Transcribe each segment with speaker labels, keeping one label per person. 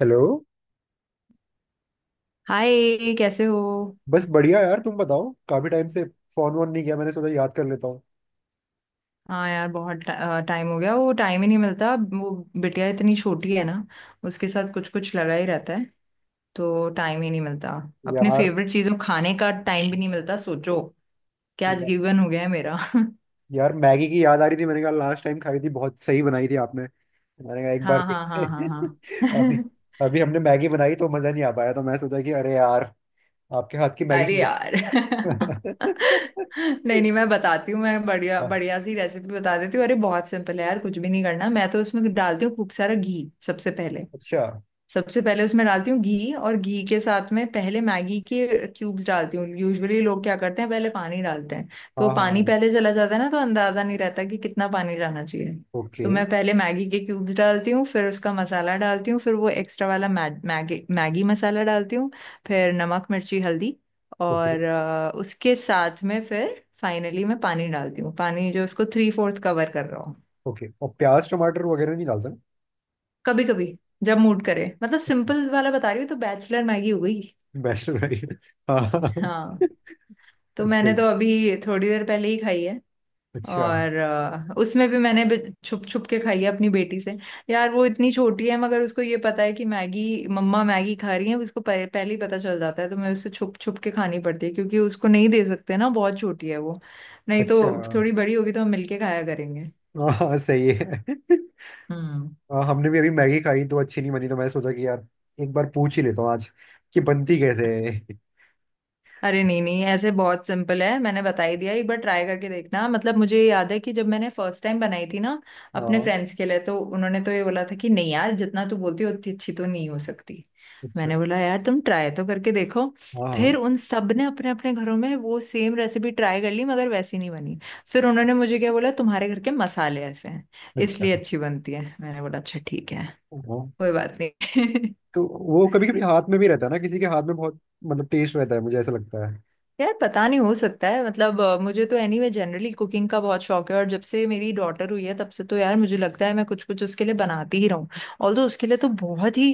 Speaker 1: Hello.
Speaker 2: Hi, कैसे हो।
Speaker 1: बस बढ़िया यार, तुम बताओ। काफी टाइम से फोन वोन नहीं किया, मैंने सोचा याद कर लेता हूँ
Speaker 2: हाँ यार बहुत टाइम हो गया। वो टाइम ही नहीं मिलता। वो बिटिया इतनी छोटी है ना, उसके साथ कुछ कुछ लगा ही रहता है, तो टाइम ही नहीं मिलता। अपने
Speaker 1: यार।
Speaker 2: फेवरेट चीजों खाने का टाइम भी नहीं मिलता, सोचो क्या
Speaker 1: या,
Speaker 2: जीवन हो गया है मेरा।
Speaker 1: यार, मैगी की याद आ रही थी। मैंने कहा लास्ट टाइम खाई थी, बहुत सही बनाई थी आपने। मैंने कहा एक बार
Speaker 2: हाँ
Speaker 1: फिर
Speaker 2: हाँ
Speaker 1: से।
Speaker 2: हाँ हाँ
Speaker 1: अभी
Speaker 2: हाँ।
Speaker 1: अभी हमने मैगी बनाई तो मजा नहीं आ पाया, तो मैं सोचा कि अरे यार, आपके हाथ की मैगी
Speaker 2: अरे यार।
Speaker 1: खा-।
Speaker 2: नहीं नहीं, मैं बताती हूँ। मैं बढ़िया
Speaker 1: हाँ,
Speaker 2: बढ़िया सी रेसिपी बता देती हूँ। अरे बहुत सिंपल है यार, कुछ भी नहीं करना। मैं तो उसमें डालती हूँ खूब सारा घी सबसे पहले।
Speaker 1: अच्छा।
Speaker 2: सबसे पहले उसमें डालती हूँ घी, और घी के साथ में पहले मैगी के क्यूब्स डालती हूँ। यूजुअली लोग क्या करते हैं, पहले पानी डालते हैं, तो वो
Speaker 1: हाँ हाँ
Speaker 2: पानी
Speaker 1: हाँ।
Speaker 2: पहले चला जाता है ना, तो अंदाजा नहीं रहता कि कितना पानी डालना चाहिए। तो
Speaker 1: ओके।
Speaker 2: मैं पहले मैगी के क्यूब्स डालती हूँ, फिर उसका मसाला डालती हूँ, फिर वो एक्स्ट्रा वाला मैगी मसाला डालती हूँ। फिर नमक मिर्ची हल्दी
Speaker 1: ओके।
Speaker 2: और उसके साथ में फिर फाइनली मैं पानी डालती हूँ, पानी जो उसको थ्री फोर्थ कवर कर रहा हूँ।
Speaker 1: ओके, और प्याज टमाटर वगैरह नहीं डालता ना।
Speaker 2: कभी कभी जब मूड करे, मतलब सिंपल वाला बता रही हूँ तो बैचलर मैगी हो गई।
Speaker 1: वैष्णव। हाँ।
Speaker 2: हाँ तो
Speaker 1: अच्छा।
Speaker 2: मैंने तो अभी थोड़ी देर पहले ही खाई है।
Speaker 1: अच्छा।
Speaker 2: और उसमें भी मैंने छुप छुप के खाई है अपनी बेटी से। यार वो इतनी छोटी है मगर उसको ये पता है कि मैगी, मम्मा मैगी खा रही है। उसको पहले ही पता चल जाता है, तो मैं उससे छुप छुप के खानी पड़ती है, क्योंकि उसको नहीं दे सकते ना, बहुत छोटी है वो। नहीं तो
Speaker 1: अच्छा।
Speaker 2: थोड़ी बड़ी होगी तो हम मिलके खाया करेंगे।
Speaker 1: हाँ सही है।
Speaker 2: हम्म।
Speaker 1: हाँ, हमने भी अभी मैगी खाई तो अच्छी नहीं बनी, तो मैं सोचा कि यार एक बार पूछ ही लेता हूँ आज कि बनती कैसे है।
Speaker 2: अरे नहीं नहीं, ऐसे बहुत सिंपल है, मैंने बता ही दिया। एक बार ट्राई करके देखना। मतलब मुझे ये याद है कि जब मैंने फर्स्ट टाइम बनाई थी ना अपने
Speaker 1: हाँ।
Speaker 2: फ्रेंड्स के लिए, तो उन्होंने तो ये बोला था कि नहीं यार, जितना तू बोलती है उतनी अच्छी तो नहीं हो सकती।
Speaker 1: अच्छा।
Speaker 2: मैंने बोला यार तुम ट्राई तो करके देखो।
Speaker 1: हाँ
Speaker 2: फिर
Speaker 1: हाँ।
Speaker 2: उन सब ने अपने अपने घरों में वो सेम रेसिपी ट्राई कर ली, मगर वैसी नहीं बनी। फिर उन्होंने मुझे क्या बोला, तुम्हारे घर के मसाले ऐसे हैं
Speaker 1: अच्छा।
Speaker 2: इसलिए अच्छी बनती है। मैंने बोला अच्छा ठीक है,
Speaker 1: हाँ।
Speaker 2: कोई बात नहीं।
Speaker 1: तो वो कभी कभी हाथ में भी रहता है ना, किसी के हाथ में बहुत मतलब टेस्ट रहता है, मुझे ऐसा लगता है।
Speaker 2: यार पता नहीं, हो सकता है। मतलब मुझे तो एनीवे जनरली कुकिंग का बहुत शौक है, और जब से मेरी डॉटर हुई है तब से तो यार मुझे लगता है मैं कुछ कुछ उसके लिए बनाती ही रहूं। ऑल, तो उसके लिए तो बहुत ही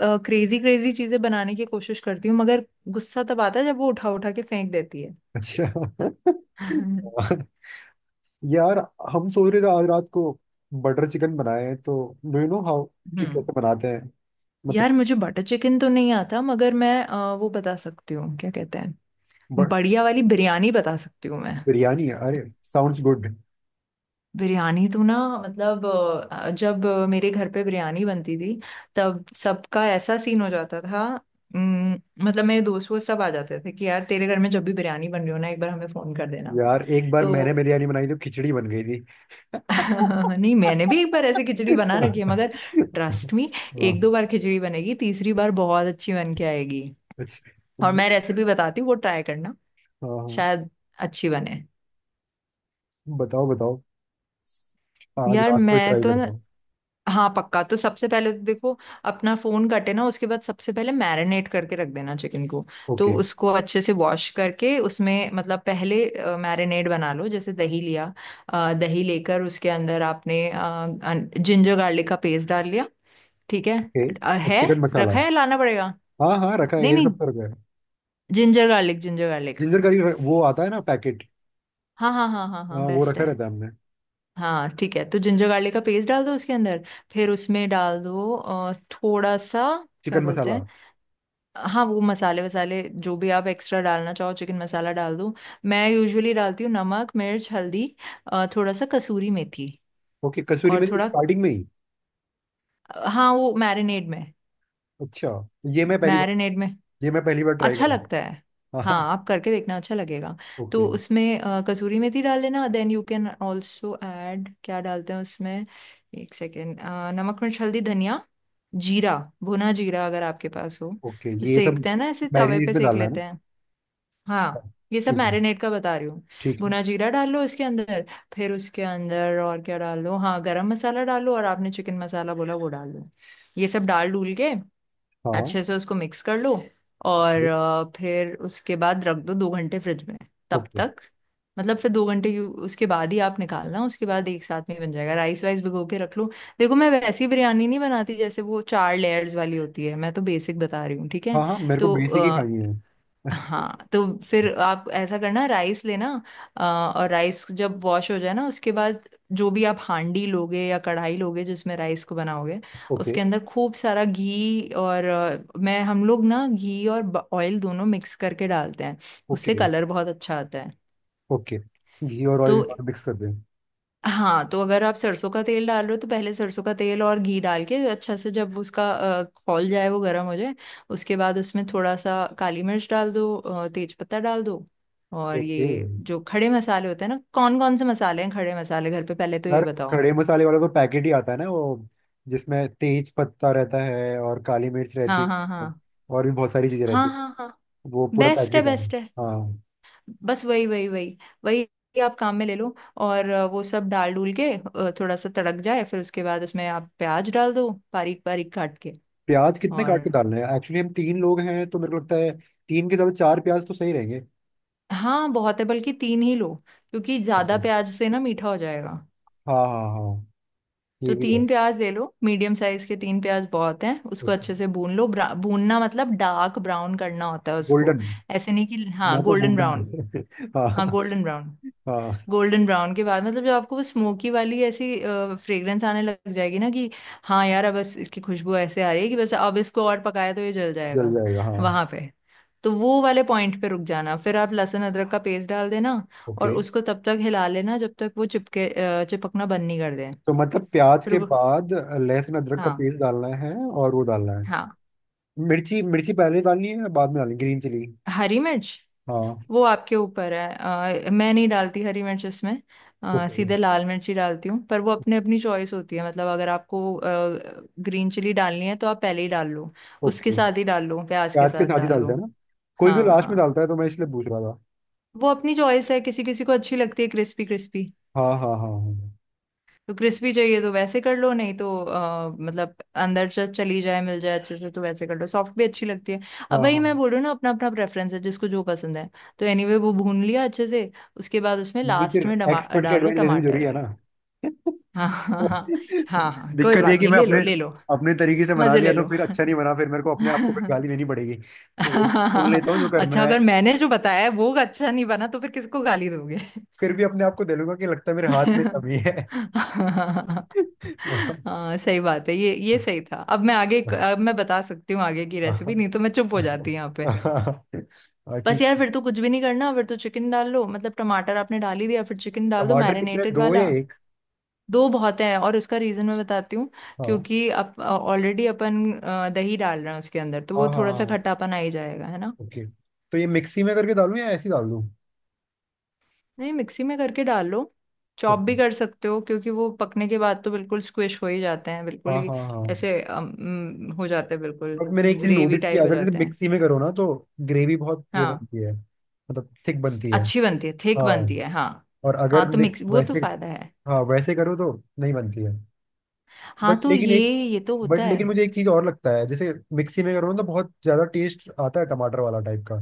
Speaker 2: क्रेजी क्रेजी चीजें बनाने की कोशिश करती हूँ, मगर गुस्सा तब आता है जब वो उठा उठा के फेंक देती है।
Speaker 1: अच्छा।
Speaker 2: हम्म।
Speaker 1: यार, हम सोच रहे थे आज रात को बटर चिकन बनाए तो डू यू नो हाउ कि कैसे बनाते हैं मतलब।
Speaker 2: यार मुझे बटर चिकन तो नहीं आता, मगर मैं वो बता सकती हूँ, क्या कहते हैं,
Speaker 1: बट
Speaker 2: बढ़िया वाली बिरयानी बता सकती हूँ मैं।
Speaker 1: बिरयानी, अरे साउंड्स गुड।
Speaker 2: बिरयानी तो ना मतलब जब मेरे घर पे बिरयानी बनती थी तब सबका ऐसा सीन हो जाता था। उम, मतलब मेरे दोस्त, वो सब आ जाते थे कि यार तेरे घर में जब भी बिरयानी बन रही हो ना, एक बार हमें फोन कर देना।
Speaker 1: यार एक बार
Speaker 2: तो
Speaker 1: मैंने बिरयानी बनाई तो खिचड़ी बन गई थी। हाँ,
Speaker 2: नहीं, मैंने भी एक बार ऐसे खिचड़ी बना रखी है मगर, ट्रस्ट मी, एक दो बार खिचड़ी बनेगी, तीसरी बार बहुत अच्छी बन के आएगी।
Speaker 1: अच्छा।
Speaker 2: और मैं रेसिपी बताती हूँ, वो ट्राई करना।
Speaker 1: हाँ हाँ,
Speaker 2: शायद अच्छी बने।
Speaker 1: बताओ बताओ। आज
Speaker 2: यार
Speaker 1: रात को ही
Speaker 2: मैं
Speaker 1: ट्राई
Speaker 2: तो
Speaker 1: करता
Speaker 2: न...
Speaker 1: हूँ।
Speaker 2: हाँ पक्का। तो सबसे पहले तो देखो, अपना फोन कटे ना उसके बाद सबसे पहले मैरिनेट करके रख देना चिकन को। तो
Speaker 1: ओके।
Speaker 2: उसको अच्छे से वॉश करके उसमें, मतलब पहले मैरिनेट बना लो, जैसे दही लिया, दही लेकर उसके अंदर आपने जिंजर गार्लिक का पेस्ट डाल लिया। ठीक है।
Speaker 1: ओके। अब
Speaker 2: है,
Speaker 1: चिकन मसाला।
Speaker 2: रखा है, लाना पड़ेगा।
Speaker 1: हाँ हाँ, रखा है,
Speaker 2: नहीं
Speaker 1: ये
Speaker 2: नहीं,
Speaker 1: सब तो रखा है।
Speaker 2: Ginger garlic, ginger garlic.
Speaker 1: Ginger करी वो आता है ना पैकेट।
Speaker 2: हाँ हाँ हाँ हाँ हाँ,
Speaker 1: हाँ वो
Speaker 2: बेस्ट
Speaker 1: रखा
Speaker 2: है।
Speaker 1: रहता है हमने।
Speaker 2: हाँ ठीक है, तो जिंजर गार्लिक का पेस्ट डाल दो उसके अंदर, फिर उसमें डाल दो थोड़ा सा, क्या
Speaker 1: चिकन
Speaker 2: बोलते
Speaker 1: मसाला।
Speaker 2: हैं, हाँ वो मसाले वसाले जो भी आप एक्स्ट्रा डालना चाहो, चिकन मसाला डाल दो। मैं यूजुअली डालती हूँ नमक मिर्च हल्दी, थोड़ा सा कसूरी मेथी
Speaker 1: ओके, कसूरी
Speaker 2: और
Speaker 1: मेथी
Speaker 2: थोड़ा।
Speaker 1: स्टार्टिंग में ही।
Speaker 2: हाँ, वो मैरिनेड में,
Speaker 1: अच्छा, ये मैं पहली बार
Speaker 2: मैरिनेड में।
Speaker 1: ये मैं पहली बार ट्राई
Speaker 2: अच्छा लगता
Speaker 1: करूँगा।
Speaker 2: है। हाँ
Speaker 1: हाँ।
Speaker 2: आप करके देखना, अच्छा लगेगा। तो
Speaker 1: ओके।
Speaker 2: उसमें कसूरी मेथी डाल लेना। Then you can also add, क्या डालते हैं उसमें, एक सेकेंड, नमक मिर्च हल्दी धनिया जीरा, भुना जीरा अगर आपके पास हो
Speaker 1: ओके
Speaker 2: तो।
Speaker 1: ये सब।
Speaker 2: सेकते हैं ना ऐसे तवे
Speaker 1: मैरिनेट
Speaker 2: पे
Speaker 1: में
Speaker 2: सेक
Speaker 1: डालना है ना।
Speaker 2: लेते हैं। हाँ,
Speaker 1: हाँ,
Speaker 2: ये सब
Speaker 1: ठीक है।
Speaker 2: मैरिनेट का बता रही हूँ।
Speaker 1: ठीक है।
Speaker 2: भुना जीरा डाल लो इसके अंदर। फिर उसके अंदर और क्या डाल लो, हाँ गरम मसाला डाल लो और आपने चिकन मसाला बोला वो डाल लो। ये सब डाल डूल के
Speaker 1: हाँ।
Speaker 2: अच्छे से उसको मिक्स कर लो और
Speaker 1: ओके।
Speaker 2: फिर उसके बाद रख दो दो घंटे फ्रिज में। तब
Speaker 1: ओके।
Speaker 2: तक मतलब, फिर दो घंटे की उसके बाद ही आप निकालना, उसके बाद एक साथ में ही बन जाएगा। राइस वाइस भिगो के रख लो। देखो मैं वैसी बिरयानी नहीं बनाती जैसे वो चार लेयर्स वाली होती है। मैं तो बेसिक बता रही हूँ, ठीक है।
Speaker 1: हाँ हाँ, मेरे को
Speaker 2: तो
Speaker 1: बेसिक ही खानी है।
Speaker 2: हाँ, तो फिर आप ऐसा करना, राइस लेना, और राइस जब वॉश हो जाए ना उसके बाद, जो भी आप हांडी लोगे या कढ़ाई लोगे जिसमें राइस को बनाओगे,
Speaker 1: ओके।
Speaker 2: उसके अंदर खूब सारा घी और मैं, हम लोग ना घी और ऑयल दोनों मिक्स करके डालते हैं। उससे
Speaker 1: ओके।
Speaker 2: कलर बहुत अच्छा आता है।
Speaker 1: ओके, घी और
Speaker 2: तो
Speaker 1: ऑयल दोनों मिक्स कर दें।
Speaker 2: हाँ, तो अगर आप सरसों का तेल डाल रहे हो तो पहले सरसों का तेल और घी डाल के, अच्छा से जब उसका खौल जाए, वो गर्म हो जाए, उसके बाद उसमें थोड़ा सा काली मिर्च डाल दो, तेज पत्ता डाल दो। और
Speaker 1: ओके।
Speaker 2: ये जो खड़े मसाले होते हैं ना, कौन कौन से मसाले हैं खड़े मसाले घर पे, पहले तो ये
Speaker 1: यार,
Speaker 2: बताओ।
Speaker 1: खड़े मसाले वाला तो पैकेट ही आता है ना वो, जिसमें तेज पत्ता रहता है और काली मिर्च रहती
Speaker 2: हाँ हाँ
Speaker 1: है,
Speaker 2: हाँ
Speaker 1: और भी बहुत सारी चीजें
Speaker 2: हाँ
Speaker 1: रहती है।
Speaker 2: हाँ हाँ,
Speaker 1: वो पूरा
Speaker 2: बेस्ट है
Speaker 1: पैकेट आता है।
Speaker 2: बेस्ट है।
Speaker 1: हाँ।
Speaker 2: बस वही वही वही वही आप काम में ले लो, और वो सब डाल डूल के थोड़ा सा तड़क जाए, फिर उसके बाद उसमें आप प्याज डाल दो बारीक बारीक काट के।
Speaker 1: प्याज कितने काट के
Speaker 2: और
Speaker 1: डालने हैं? एक्चुअली हम तीन लोग हैं तो मेरे को लगता है तीन के साथ चार प्याज तो सही रहेंगे।
Speaker 2: हाँ बहुत है, बल्कि तीन ही लो, क्योंकि ज्यादा
Speaker 1: ओके।
Speaker 2: प्याज से ना मीठा हो जाएगा।
Speaker 1: हाँ हाँ हाँ।
Speaker 2: तो
Speaker 1: ये भी है।
Speaker 2: तीन प्याज ले लो, मीडियम साइज के तीन प्याज बहुत हैं। उसको
Speaker 1: ओके।
Speaker 2: अच्छे से भून लो। भूनना मतलब डार्क ब्राउन करना होता है उसको,
Speaker 1: गोल्डन,
Speaker 2: ऐसे नहीं कि हाँ
Speaker 1: मैं तो
Speaker 2: गोल्डन ब्राउन।
Speaker 1: गोल्डन।
Speaker 2: हाँ
Speaker 1: हाँ।
Speaker 2: Golden brown.
Speaker 1: हाँ
Speaker 2: गोल्डन ब्राउन के बाद मतलब जब आपको वो स्मोकी वाली ऐसी फ्रेग्रेंस आने लग जाएगी ना कि हाँ यार, अब बस इसकी खुशबू ऐसे आ रही है कि बस, अब इसको और पकाया तो ये जल जाएगा,
Speaker 1: जल जाएगा। हाँ।
Speaker 2: वहां पे, तो वो वाले पॉइंट पे रुक जाना। फिर आप लहसुन अदरक का पेस्ट डाल देना, और
Speaker 1: ओके।
Speaker 2: उसको तब तक हिला लेना जब तक वो चिपकना बंद नहीं कर दे।
Speaker 1: तो मतलब प्याज
Speaker 2: फिर
Speaker 1: के
Speaker 2: वो,
Speaker 1: बाद लहसुन अदरक का
Speaker 2: हाँ
Speaker 1: पेस्ट डालना है, और वो डालना है
Speaker 2: हाँ।
Speaker 1: मिर्ची। मिर्ची पहले डालनी है या बाद में डालनी, ग्रीन चिली?
Speaker 2: हरी मिर्च
Speaker 1: हाँ।
Speaker 2: वो आपके ऊपर है। मैं नहीं डालती हरी मिर्च इसमें,
Speaker 1: ओके।
Speaker 2: सीधे लाल मिर्च ही डालती हूँ, पर वो अपने, अपनी चॉइस होती है। मतलब अगर आपको ग्रीन चिली डालनी है तो आप पहले ही डाल लो, उसके
Speaker 1: ओके,
Speaker 2: साथ ही डाल लो, प्याज के
Speaker 1: प्याज के
Speaker 2: साथ
Speaker 1: साथ ही
Speaker 2: डाल लो।
Speaker 1: डालते हैं ना? कोई कोई
Speaker 2: हाँ
Speaker 1: लास्ट में
Speaker 2: हाँ,
Speaker 1: डालता है, तो मैं इसलिए पूछ रहा था।
Speaker 2: वो अपनी चॉइस है, किसी किसी को अच्छी लगती है क्रिस्पी क्रिस्पी।
Speaker 1: हाँ हाँ हाँ हाँ।
Speaker 2: तो क्रिस्पी चाहिए तो वैसे कर लो, नहीं तो मतलब अंदर से चली जाए, मिल जाए अच्छे से, तो वैसे कर लो, सॉफ्ट भी अच्छी लगती है।
Speaker 1: हाँ
Speaker 2: अब वही मैं
Speaker 1: हाँ।
Speaker 2: बोल रही हूँ ना, अपना अपना प्रेफरेंस है, जिसको जो पसंद है। तो एनीवे वो भून लिया अच्छे से, उसके बाद उसमें
Speaker 1: नहीं, फिर
Speaker 2: लास्ट में डमा
Speaker 1: एक्सपर्ट की
Speaker 2: डाल दो
Speaker 1: एडवाइस लेना भी जरूरी
Speaker 2: टमाटर।
Speaker 1: है ना।
Speaker 2: हाँ हाँ हाँ हाँ हाँ, कोई
Speaker 1: दिक्कत ये है
Speaker 2: बात
Speaker 1: कि
Speaker 2: नहीं,
Speaker 1: मैं
Speaker 2: ले लो
Speaker 1: अपने
Speaker 2: ले लो।
Speaker 1: अपने तरीके से बना
Speaker 2: मजे
Speaker 1: लिया
Speaker 2: ले
Speaker 1: तो
Speaker 2: लो।
Speaker 1: फिर अच्छा नहीं बना, फिर मेरे को अपने आप को फिर गाली देनी पड़ेगी। तो एक बार सुन लेता हूँ जो करना
Speaker 2: अच्छा,
Speaker 1: है,
Speaker 2: अगर मैंने जो बताया है वो अच्छा नहीं बना तो फिर किसको गाली दोगे।
Speaker 1: फिर भी अपने आप को दे लूंगा कि लगता है मेरे हाथ में कमी है। हाँ।
Speaker 2: हाँ सही बात है, ये सही था। अब मैं आगे, अब मैं बता सकती हूँ आगे की रेसिपी, नहीं तो मैं चुप हो जाती यहाँ पे। बस
Speaker 1: ठीक।
Speaker 2: यार फिर तो कुछ भी नहीं करना, फिर तो चिकन डाल लो। मतलब टमाटर आपने डाल ही दिया, फिर चिकन डाल दो
Speaker 1: टमाटर कितने,
Speaker 2: मैरिनेटेड
Speaker 1: दो या
Speaker 2: वाला।
Speaker 1: एक?
Speaker 2: दो बहुत है, और उसका रीजन मैं बताती हूँ,
Speaker 1: हाँ
Speaker 2: क्योंकि अब ऑलरेडी अपन दही डाल रहे हैं उसके अंदर, तो
Speaker 1: हाँ
Speaker 2: वो
Speaker 1: हाँ।
Speaker 2: थोड़ा सा
Speaker 1: हाँ।
Speaker 2: खट्टापन आ ही जाएगा, है ना।
Speaker 1: ओके। तो ये मिक्सी में करके डालूं या ऐसे ही डाल दूं?
Speaker 2: नहीं, मिक्सी में करके डाल लो, चॉप भी
Speaker 1: ओके।
Speaker 2: कर सकते हो क्योंकि वो पकने के बाद तो बिल्कुल स्क्विश हो ही जाते हैं,
Speaker 1: हाँ
Speaker 2: बिल्कुल ही
Speaker 1: हाँ हाँ।
Speaker 2: ऐसे अम, अम, हो जाते हैं बिल्कुल,
Speaker 1: बट मैंने एक चीज
Speaker 2: ग्रेवी
Speaker 1: नोटिस की,
Speaker 2: टाइप हो
Speaker 1: अगर जैसे
Speaker 2: जाते हैं।
Speaker 1: मिक्सी में करो ना तो ग्रेवी बहुत वो
Speaker 2: हाँ
Speaker 1: बनती है, मतलब थिक बनती है।
Speaker 2: अच्छी बनती है, थिक
Speaker 1: हाँ।
Speaker 2: बनती है, हाँ।
Speaker 1: और अगर
Speaker 2: हाँ तो मिक्स, वो तो
Speaker 1: वैसे।
Speaker 2: फायदा है।
Speaker 1: हाँ वैसे करो तो नहीं बनती है।
Speaker 2: हाँ
Speaker 1: बट
Speaker 2: तो
Speaker 1: लेकिन एक
Speaker 2: ये तो होता
Speaker 1: बट लेकिन
Speaker 2: है।
Speaker 1: मुझे एक चीज और लगता है, जैसे मिक्सी में करो ना तो बहुत ज्यादा टेस्ट आता है टमाटर वाला टाइप का।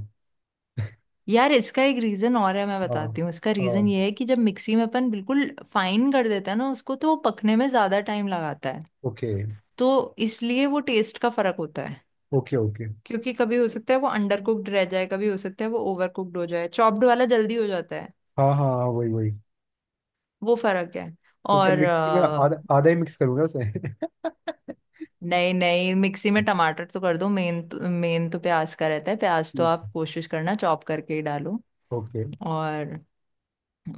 Speaker 2: यार इसका एक रीजन और है, मैं
Speaker 1: हाँ
Speaker 2: बताती हूँ। इसका रीजन
Speaker 1: हाँ।
Speaker 2: ये है कि जब मिक्सी में अपन बिल्कुल फाइन कर देते हैं ना उसको, तो वो पकने में ज्यादा टाइम लगाता है।
Speaker 1: ओके।
Speaker 2: तो इसलिए वो टेस्ट का फर्क होता है,
Speaker 1: ओके। ओके।
Speaker 2: क्योंकि कभी हो सकता है वो अंडर कुक्ड रह जाए, कभी हो सकता है वो ओवर कुक्ड हो जाए। चॉप्ड वाला जल्दी हो जाता है,
Speaker 1: हाँ हाँ हाँ, वही वही।
Speaker 2: वो फर्क है।
Speaker 1: तो क्या
Speaker 2: और
Speaker 1: मिक्सी में आधा आधा ही मिक्स करूंगा उसे?
Speaker 2: नहीं नहीं, मिक्सी में टमाटर तो कर दो। मेन, मेन तो प्याज का रहता है, प्याज तो
Speaker 1: ठीक।
Speaker 2: आप कोशिश करना चॉप करके ही डालो।
Speaker 1: ओके।
Speaker 2: और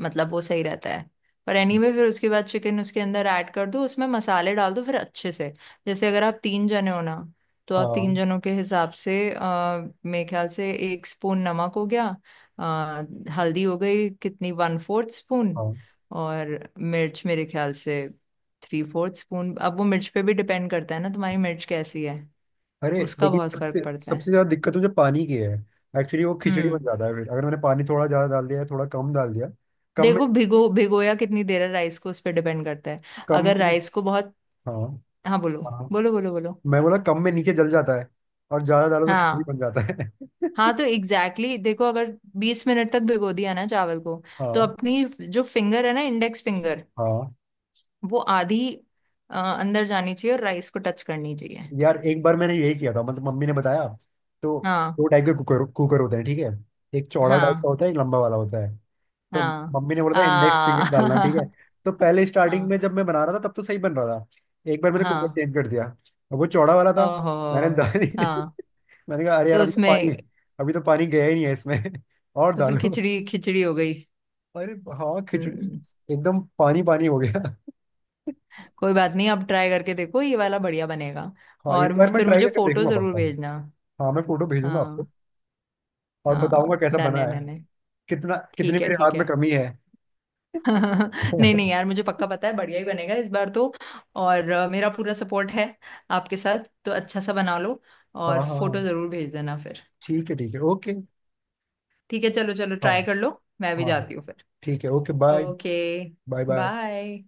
Speaker 2: मतलब वो सही रहता है। पर एनीवे, फिर उसके बाद चिकन उसके अंदर ऐड कर दो, उसमें मसाले डाल दो फिर अच्छे से। जैसे अगर आप तीन जने हो ना, तो आप तीन
Speaker 1: हाँ
Speaker 2: जनों के हिसाब से मेरे ख्याल से एक स्पून नमक हो गया, आ, हल्दी हो गई कितनी, वन फोर्थ स्पून,
Speaker 1: हाँ।
Speaker 2: और मिर्च मेरे ख्याल से थ्री फोर्थ स्पून। अब वो मिर्च पे भी डिपेंड करता है ना, तुम्हारी मिर्च कैसी है,
Speaker 1: अरे
Speaker 2: उसका
Speaker 1: लेकिन
Speaker 2: बहुत फर्क
Speaker 1: सबसे
Speaker 2: पड़ता
Speaker 1: सबसे
Speaker 2: है।
Speaker 1: ज्यादा दिक्कत मुझे पानी की है। एक्चुअली वो खिचड़ी बन
Speaker 2: हम्म।
Speaker 1: जाता है, फिर अगर मैंने पानी थोड़ा ज्यादा डाल दिया है, थोड़ा कम डाल दिया। कम में।
Speaker 2: देखो, भिगोया कितनी देर है राइस को, उस पर डिपेंड करता है।
Speaker 1: कम
Speaker 2: अगर
Speaker 1: में नहीं।
Speaker 2: राइस को बहुत,
Speaker 1: हाँ
Speaker 2: हाँ
Speaker 1: हाँ हाँ।
Speaker 2: बोलो बोलो।
Speaker 1: मैं बोला कम में नीचे जल जाता है, और ज्यादा डालो तो खिचड़ी
Speaker 2: हाँ
Speaker 1: बन जाता है।
Speaker 2: हाँ, तो एग्जैक्टली देखो, अगर 20 मिनट तक भिगो दिया ना चावल को, तो
Speaker 1: हाँ।
Speaker 2: अपनी जो फिंगर है ना, इंडेक्स फिंगर,
Speaker 1: हाँ
Speaker 2: वो आधी अंदर जानी चाहिए और राइस को टच करनी चाहिए।
Speaker 1: यार, एक बार मैंने यही किया था, मतलब मम्मी ने बताया तो
Speaker 2: हाँ
Speaker 1: दो टाइप के कुकर कुकर होते हैं, ठीक है? एक चौड़ा टाइप का
Speaker 2: हाँ
Speaker 1: होता है, एक लंबा वाला होता है। तो
Speaker 2: हाँ।
Speaker 1: मम्मी ने बोला था इंडेक्स फिंगर
Speaker 2: आ
Speaker 1: डालना, ठीक है? तो पहले स्टार्टिंग में
Speaker 2: हाँ
Speaker 1: जब मैं बना रहा था तब तो सही बन रहा था, एक बार मैंने कुकर
Speaker 2: हाँ।
Speaker 1: चेंज कर दिया, अब वो चौड़ा वाला था।
Speaker 2: ओहो।
Speaker 1: मैंने दाल ही नहीं-
Speaker 2: हाँ
Speaker 1: मैंने कहा अरे यार,
Speaker 2: तो उसमें,
Speaker 1: अभी तो पानी गया ही नहीं है इसमें। और
Speaker 2: तो फिर
Speaker 1: डालो।
Speaker 2: खिचड़ी खिचड़ी हो गई।
Speaker 1: अरे। हाँ खिचड़ी।
Speaker 2: हम्म।
Speaker 1: एकदम पानी पानी हो गया।
Speaker 2: कोई बात नहीं, अब ट्राई करके देखो, ये वाला बढ़िया बनेगा।
Speaker 1: हाँ इस
Speaker 2: और
Speaker 1: बार मैं
Speaker 2: फिर
Speaker 1: ट्राई
Speaker 2: मुझे
Speaker 1: करके
Speaker 2: फोटो
Speaker 1: देखूंगा
Speaker 2: जरूर
Speaker 1: पक्का।
Speaker 2: भेजना।
Speaker 1: हाँ मैं फोटो भेजूंगा आपको,
Speaker 2: हाँ
Speaker 1: और बताऊंगा
Speaker 2: हाँ,
Speaker 1: कैसा
Speaker 2: डन
Speaker 1: बना
Speaker 2: है
Speaker 1: है,
Speaker 2: डन है।
Speaker 1: कितना कितनी
Speaker 2: ठीक है
Speaker 1: मेरे
Speaker 2: ठीक
Speaker 1: हाथ में
Speaker 2: है।
Speaker 1: कमी है।
Speaker 2: नहीं नहीं
Speaker 1: हाँ
Speaker 2: यार, मुझे पक्का पता है बढ़िया ही बनेगा इस बार तो। और मेरा पूरा सपोर्ट है आपके साथ, तो अच्छा सा बना लो,
Speaker 1: हाँ
Speaker 2: और फोटो
Speaker 1: हाँ।
Speaker 2: जरूर भेज देना फिर।
Speaker 1: ठीक है ठीक है, ओके।
Speaker 2: ठीक है चलो चलो,
Speaker 1: हाँ
Speaker 2: ट्राई कर लो, मैं भी
Speaker 1: हाँ।
Speaker 2: जाती हूँ फिर।
Speaker 1: ठीक है, okay, bye.
Speaker 2: Okay,
Speaker 1: bye bye.
Speaker 2: Bye.